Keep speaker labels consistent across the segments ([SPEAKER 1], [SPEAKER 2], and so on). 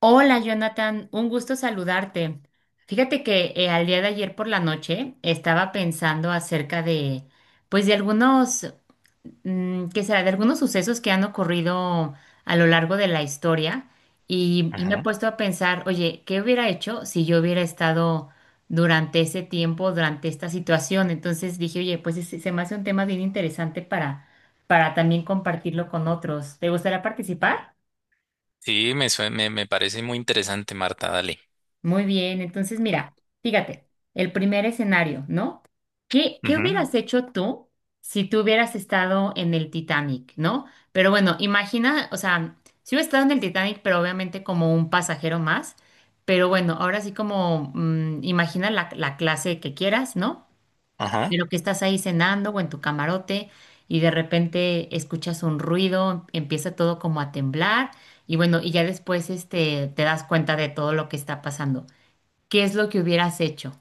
[SPEAKER 1] Hola, Jonathan, un gusto saludarte. Fíjate que al día de ayer por la noche estaba pensando acerca de, pues de algunos, mm, ¿qué será? De algunos sucesos que han ocurrido a lo largo de la historia y me he
[SPEAKER 2] Ajá.
[SPEAKER 1] puesto a pensar, oye, ¿qué hubiera hecho si yo hubiera estado durante ese tiempo, durante esta situación? Entonces dije, oye, pues se me hace un tema bien interesante para también compartirlo con otros. ¿Te gustaría participar?
[SPEAKER 2] Sí, me parece muy interesante, Marta, dale.
[SPEAKER 1] Muy bien, entonces mira, fíjate, el primer escenario, ¿no? ¿Qué
[SPEAKER 2] Ujú.
[SPEAKER 1] hubieras hecho tú si tú hubieras estado en el Titanic, ¿no? Pero bueno, imagina, o sea, si hubiera estado en el Titanic, pero obviamente como un pasajero más, pero bueno, ahora sí como imagina la clase que quieras, ¿no?
[SPEAKER 2] Ajá.
[SPEAKER 1] Pero que estás ahí cenando o en tu camarote y de repente escuchas un ruido, empieza todo como a temblar y bueno, y ya después te das cuenta de todo lo que está pasando. ¿Qué es lo que hubieras hecho?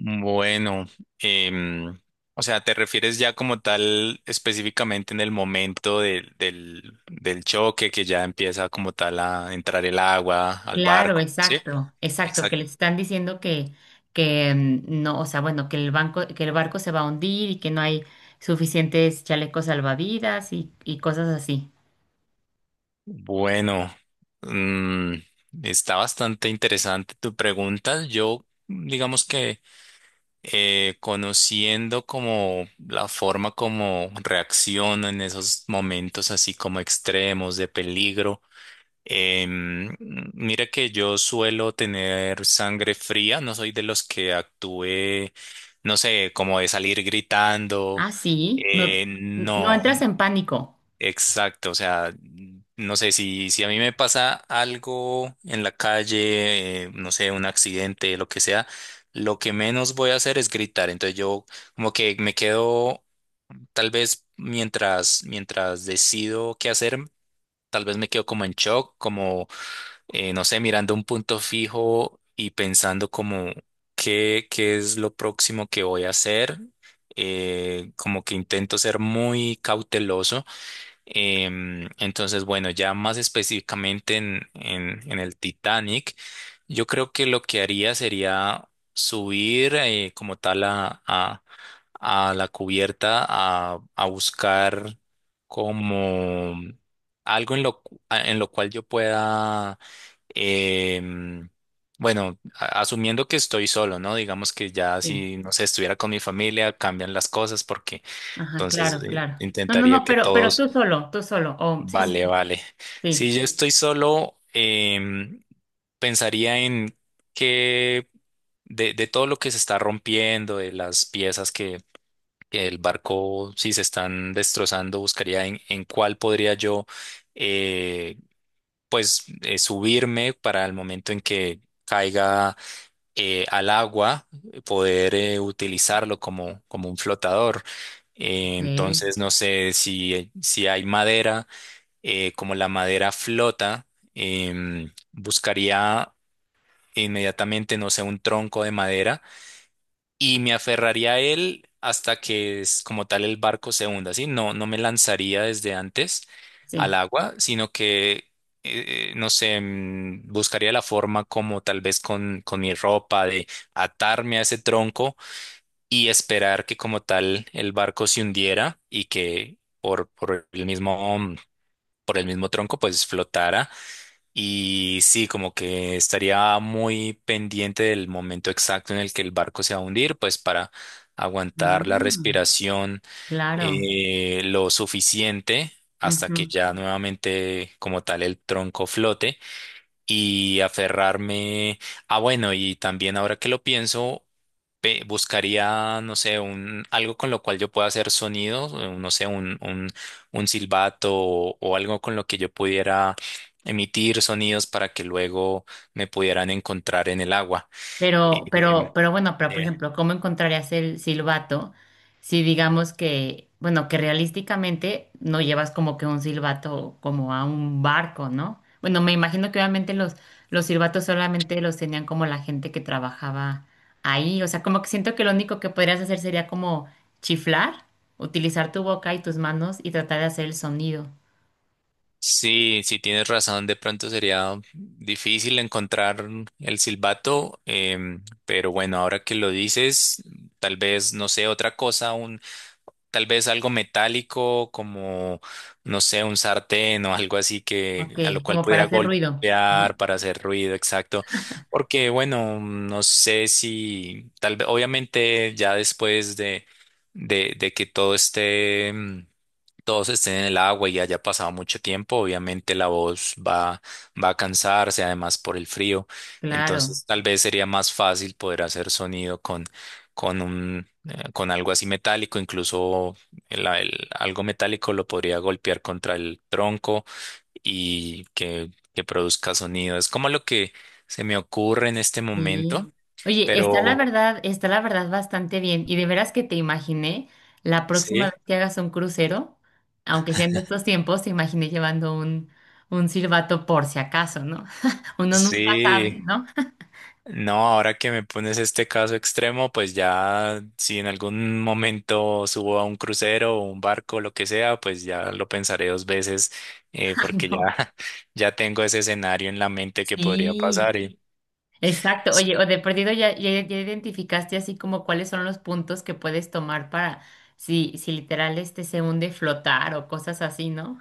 [SPEAKER 2] Bueno, em, o sea, ¿te refieres ya como tal específicamente en el momento del choque que ya empieza como tal a entrar el agua al
[SPEAKER 1] Claro,
[SPEAKER 2] barco? Sí,
[SPEAKER 1] exacto, exacto, que
[SPEAKER 2] exacto.
[SPEAKER 1] les están diciendo que no, o sea, bueno, que el barco se va a hundir y que no hay suficientes chalecos salvavidas y cosas así.
[SPEAKER 2] Bueno, mm, está bastante interesante tu pregunta. Yo, digamos que conociendo como la forma como reacciono en esos momentos así como extremos de peligro. Em, Mira que yo suelo tener sangre fría, no soy de los que actúe, no sé, como de salir gritando.
[SPEAKER 1] Ah, sí, no, no
[SPEAKER 2] No.
[SPEAKER 1] entras en pánico.
[SPEAKER 2] Exacto, o sea, no sé si a mí me pasa algo en la calle, no sé, un accidente, lo que sea, lo que menos voy a hacer es gritar. Entonces yo como que me quedo, tal vez mientras decido qué hacer, tal vez me quedo como en shock, como, no sé, mirando un punto fijo y pensando como qué es lo próximo que voy a hacer. Como que intento ser muy cauteloso. Entonces, bueno, ya más específicamente en el Titanic, yo creo que lo que haría sería subir como tal a la cubierta a buscar como algo en lo cual yo pueda, em, bueno, asumiendo que estoy solo, ¿no? Digamos que ya
[SPEAKER 1] Sí,
[SPEAKER 2] si, no sé, estuviera con mi familia, cambian las cosas porque
[SPEAKER 1] ajá,
[SPEAKER 2] entonces
[SPEAKER 1] claro, claro. No, no,
[SPEAKER 2] intentaría
[SPEAKER 1] no,
[SPEAKER 2] que
[SPEAKER 1] pero tú
[SPEAKER 2] todos.
[SPEAKER 1] solo, tú solo. Oh, sí, sí,
[SPEAKER 2] Vale,
[SPEAKER 1] sí.
[SPEAKER 2] vale. Si
[SPEAKER 1] Sí,
[SPEAKER 2] yo estoy solo, pensaría en que de todo lo que se está rompiendo, de las piezas que el barco, si se están destrozando, buscaría en cuál podría yo, eh, pues, subirme para el momento en que caiga al agua, poder utilizarlo como un flotador.
[SPEAKER 1] ok,
[SPEAKER 2] Entonces, no sé si hay madera, como la madera flota, buscaría inmediatamente, no sé, un tronco de madera y me aferraría a él hasta que es como tal el barco se hunda, ¿sí? No, no me lanzaría desde antes
[SPEAKER 1] sí.
[SPEAKER 2] al agua, sino que, no sé, buscaría la forma como tal vez con mi ropa de atarme a ese tronco y esperar que como tal el barco se hundiera y que por el mismo, por el mismo tronco pues flotara. Y sí, como que estaría muy pendiente del momento exacto en el que el barco se va a hundir, pues para aguantar la
[SPEAKER 1] Ah,
[SPEAKER 2] respiración
[SPEAKER 1] claro.
[SPEAKER 2] lo suficiente hasta que ya nuevamente como tal el tronco flote y aferrarme. Ah, bueno, y también ahora que lo pienso, buscaría, no sé, algo con lo cual yo pueda hacer sonidos, no sé, un silbato o algo con lo que yo pudiera emitir sonidos para que luego me pudieran encontrar en el agua.
[SPEAKER 1] Pero,
[SPEAKER 2] Eh,
[SPEAKER 1] pero, pero bueno, pero por
[SPEAKER 2] eh,
[SPEAKER 1] ejemplo, ¿cómo encontrarías el silbato si digamos que, bueno, que realísticamente no llevas como que un silbato como a un barco, ¿no? Bueno, me imagino que obviamente los silbatos solamente los tenían como la gente que trabajaba ahí. O sea, como que siento que lo único que podrías hacer sería como chiflar, utilizar tu boca y tus manos y tratar de hacer el sonido.
[SPEAKER 2] sí, sí tienes razón, de pronto sería difícil encontrar el silbato, pero bueno, ahora que lo dices, tal vez, no sé, otra cosa, tal vez algo metálico como, no sé, un sartén o algo así
[SPEAKER 1] Ok,
[SPEAKER 2] que a lo cual
[SPEAKER 1] como para
[SPEAKER 2] pudiera
[SPEAKER 1] hacer ruido, ¿no?
[SPEAKER 2] golpear para hacer ruido, exacto. Porque, bueno, no sé si, tal vez, obviamente ya después de que todo esté, todos estén en el agua y haya pasado mucho tiempo, obviamente la voz va a cansarse, además por el frío.
[SPEAKER 1] Claro.
[SPEAKER 2] Entonces, tal vez sería más fácil poder hacer sonido con algo así metálico, incluso algo metálico lo podría golpear contra el tronco y que produzca sonido. Es como lo que se me ocurre en este
[SPEAKER 1] Sí.
[SPEAKER 2] momento,
[SPEAKER 1] Oye,
[SPEAKER 2] pero
[SPEAKER 1] está la verdad bastante bien. Y de veras que te imaginé la próxima vez
[SPEAKER 2] sí,
[SPEAKER 1] que hagas un crucero, aunque sea en estos tiempos, te imaginé llevando un silbato por si acaso, ¿no? Uno nunca sabe,
[SPEAKER 2] sí.
[SPEAKER 1] ¿no?
[SPEAKER 2] No, ahora que me pones este caso extremo, pues ya si en algún momento subo a un crucero o un barco, lo que sea, pues ya lo pensaré dos veces,
[SPEAKER 1] Ay,
[SPEAKER 2] porque ya,
[SPEAKER 1] no.
[SPEAKER 2] ya tengo ese escenario en la mente que podría
[SPEAKER 1] Sí,
[SPEAKER 2] pasar. Y
[SPEAKER 1] exacto. Oye, o de perdido ya identificaste así como cuáles son los puntos que puedes tomar para si literal se hunde flotar o cosas así, ¿no?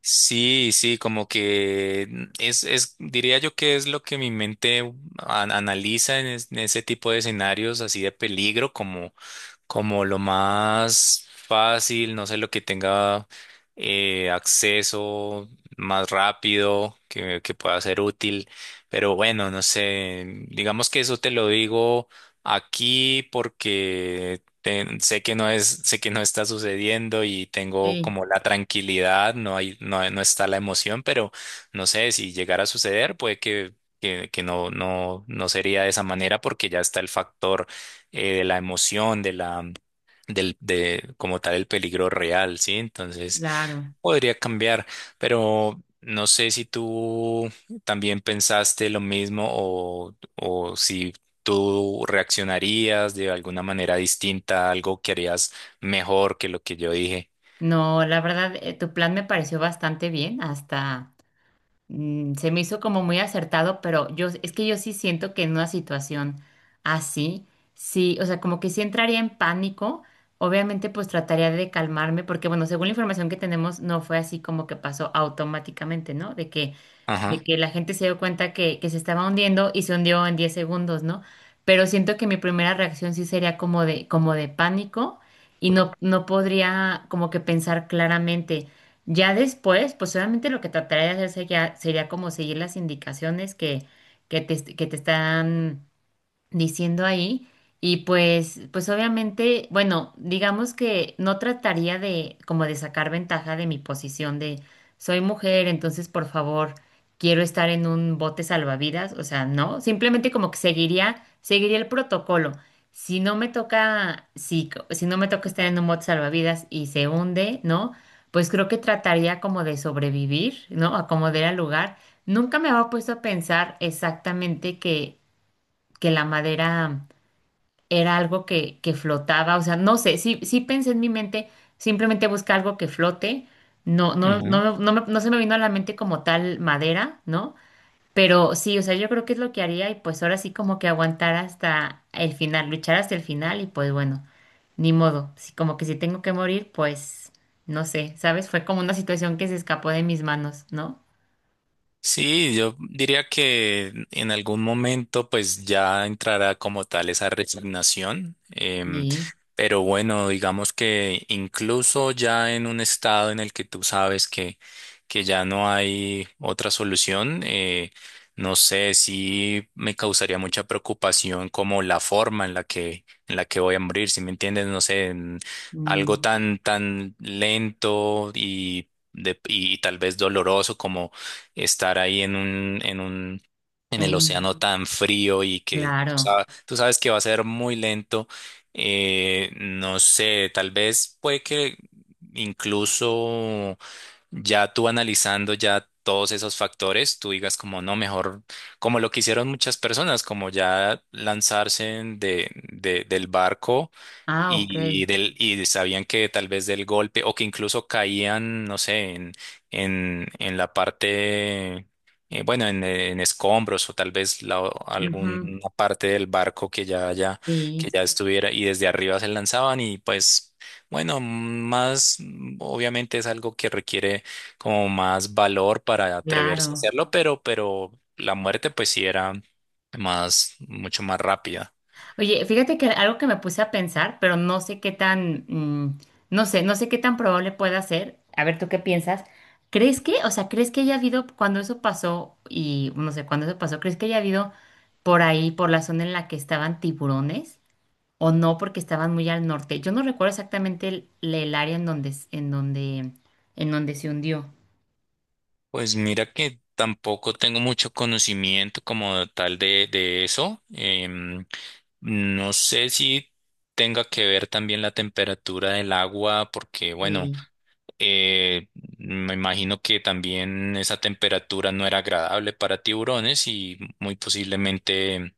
[SPEAKER 2] sí, sí, como que diría yo que es lo que mi mente analiza en ese tipo de escenarios así de peligro, como lo más fácil, no sé, lo que tenga acceso más rápido, que pueda ser útil. Pero bueno, no sé, digamos que eso te lo digo aquí porque sé que no está sucediendo y tengo
[SPEAKER 1] Sí,
[SPEAKER 2] como la tranquilidad, no está la emoción, pero no sé, si llegara a suceder, puede que no sería de esa manera porque ya está el factor, de la emoción, de como tal el peligro real, ¿sí? Entonces
[SPEAKER 1] claro.
[SPEAKER 2] podría cambiar, pero no sé si tú también pensaste lo mismo o si tú reaccionarías de alguna manera distinta, algo que harías mejor que lo que yo dije.
[SPEAKER 1] No, la verdad, tu plan me pareció bastante bien, hasta, mm, se me hizo como muy acertado, pero yo es que yo sí siento que en una situación así, sí, o sea, como que sí entraría en pánico. Obviamente, pues trataría de calmarme, porque bueno, según la información que tenemos, no fue así como que pasó automáticamente, ¿no? De
[SPEAKER 2] Ajá.
[SPEAKER 1] que la gente se dio cuenta que se estaba hundiendo y se hundió en 10 segundos, ¿no? Pero siento que mi primera reacción sí sería como de pánico y no, no podría como que pensar claramente. Ya después, pues obviamente lo que trataría de hacer sería como seguir las indicaciones que, que te están diciendo ahí. Y pues, pues obviamente, bueno, digamos que no trataría de como de sacar ventaja de mi posición de soy mujer, entonces por favor, quiero estar en un bote salvavidas, o sea, no, simplemente como que seguiría el protocolo. Si no me toca, si no me toca estar en un bote salvavidas y se hunde, ¿no? Pues creo que trataría como de sobrevivir, ¿no? Acomodar al lugar. Nunca me había puesto a pensar exactamente que la madera era algo que flotaba, o sea, no sé, sí pensé en mi mente, simplemente busca algo que flote, no se me vino a la mente como tal madera, ¿no? Pero sí, o sea, yo creo que es lo que haría y pues ahora sí como que aguantar hasta el final, luchar hasta el final y pues bueno, ni modo, sí, como que si tengo que morir, pues no sé, ¿sabes? Fue como una situación que se escapó de mis manos, ¿no?
[SPEAKER 2] Sí, yo diría que en algún momento pues ya entrará como tal esa resignación.
[SPEAKER 1] Sí,
[SPEAKER 2] Pero bueno, digamos que incluso ya en un estado en el que tú sabes que ya no hay otra solución, no sé si me causaría mucha preocupación como la forma en la que voy a morir, si me entiendes, no sé, en algo
[SPEAKER 1] mm,
[SPEAKER 2] tan, tan lento y tal vez doloroso como estar ahí en
[SPEAKER 1] en
[SPEAKER 2] el
[SPEAKER 1] un-
[SPEAKER 2] océano tan frío y que
[SPEAKER 1] claro,
[SPEAKER 2] tú sabes que va a ser muy lento. No sé, tal vez puede que incluso ya tú analizando ya todos esos factores, tú digas como no, mejor, como lo que hicieron muchas personas, como ya lanzarse del barco
[SPEAKER 1] ah, ok.
[SPEAKER 2] y sabían que tal vez del golpe o que incluso caían, no sé, en la parte, bueno, en escombros o tal vez
[SPEAKER 1] Ujú.
[SPEAKER 2] alguna parte del barco que
[SPEAKER 1] Sí,
[SPEAKER 2] ya estuviera y desde arriba se lanzaban. Y pues, bueno, más, obviamente es algo que requiere como más valor para atreverse a
[SPEAKER 1] claro.
[SPEAKER 2] hacerlo, pero la muerte pues sí era mucho más rápida.
[SPEAKER 1] Oye, fíjate que algo que me puse a pensar, pero no sé qué tan, mm, no sé, no sé qué tan probable pueda ser. A ver, ¿tú qué piensas? ¿Crees que, o sea, crees que haya habido, cuando eso pasó, y no sé, cuando eso pasó, ¿crees que haya habido por ahí, por la zona en la que estaban tiburones? ¿O no, porque estaban muy al norte? Yo no recuerdo exactamente el área en en donde se hundió.
[SPEAKER 2] Pues mira que tampoco tengo mucho conocimiento como tal de eso. No sé si tenga que ver también la temperatura del agua, porque bueno,
[SPEAKER 1] Sí,
[SPEAKER 2] eh, me imagino que también esa temperatura no era agradable para tiburones y muy posiblemente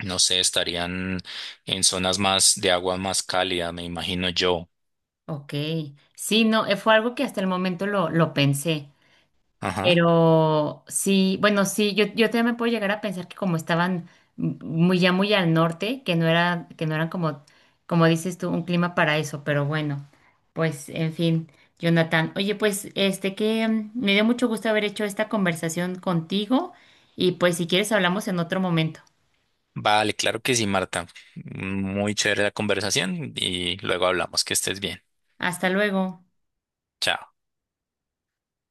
[SPEAKER 2] no sé, estarían en zonas más de agua más cálida, me imagino yo.
[SPEAKER 1] ok. Sí, no, fue algo que hasta el momento lo pensé.
[SPEAKER 2] Ajá.
[SPEAKER 1] Pero sí, bueno, sí, yo también me puedo llegar a pensar que como estaban muy ya muy al norte, que no era, que no eran como, como dices tú, un clima para eso, pero bueno, pues en fin, Jonathan. Oye, pues este que mm, me dio mucho gusto haber hecho esta conversación contigo y pues si quieres hablamos en otro momento.
[SPEAKER 2] Vale, claro que sí, Marta. Muy chévere la conversación y luego hablamos. Que estés bien.
[SPEAKER 1] Hasta luego.
[SPEAKER 2] Chao.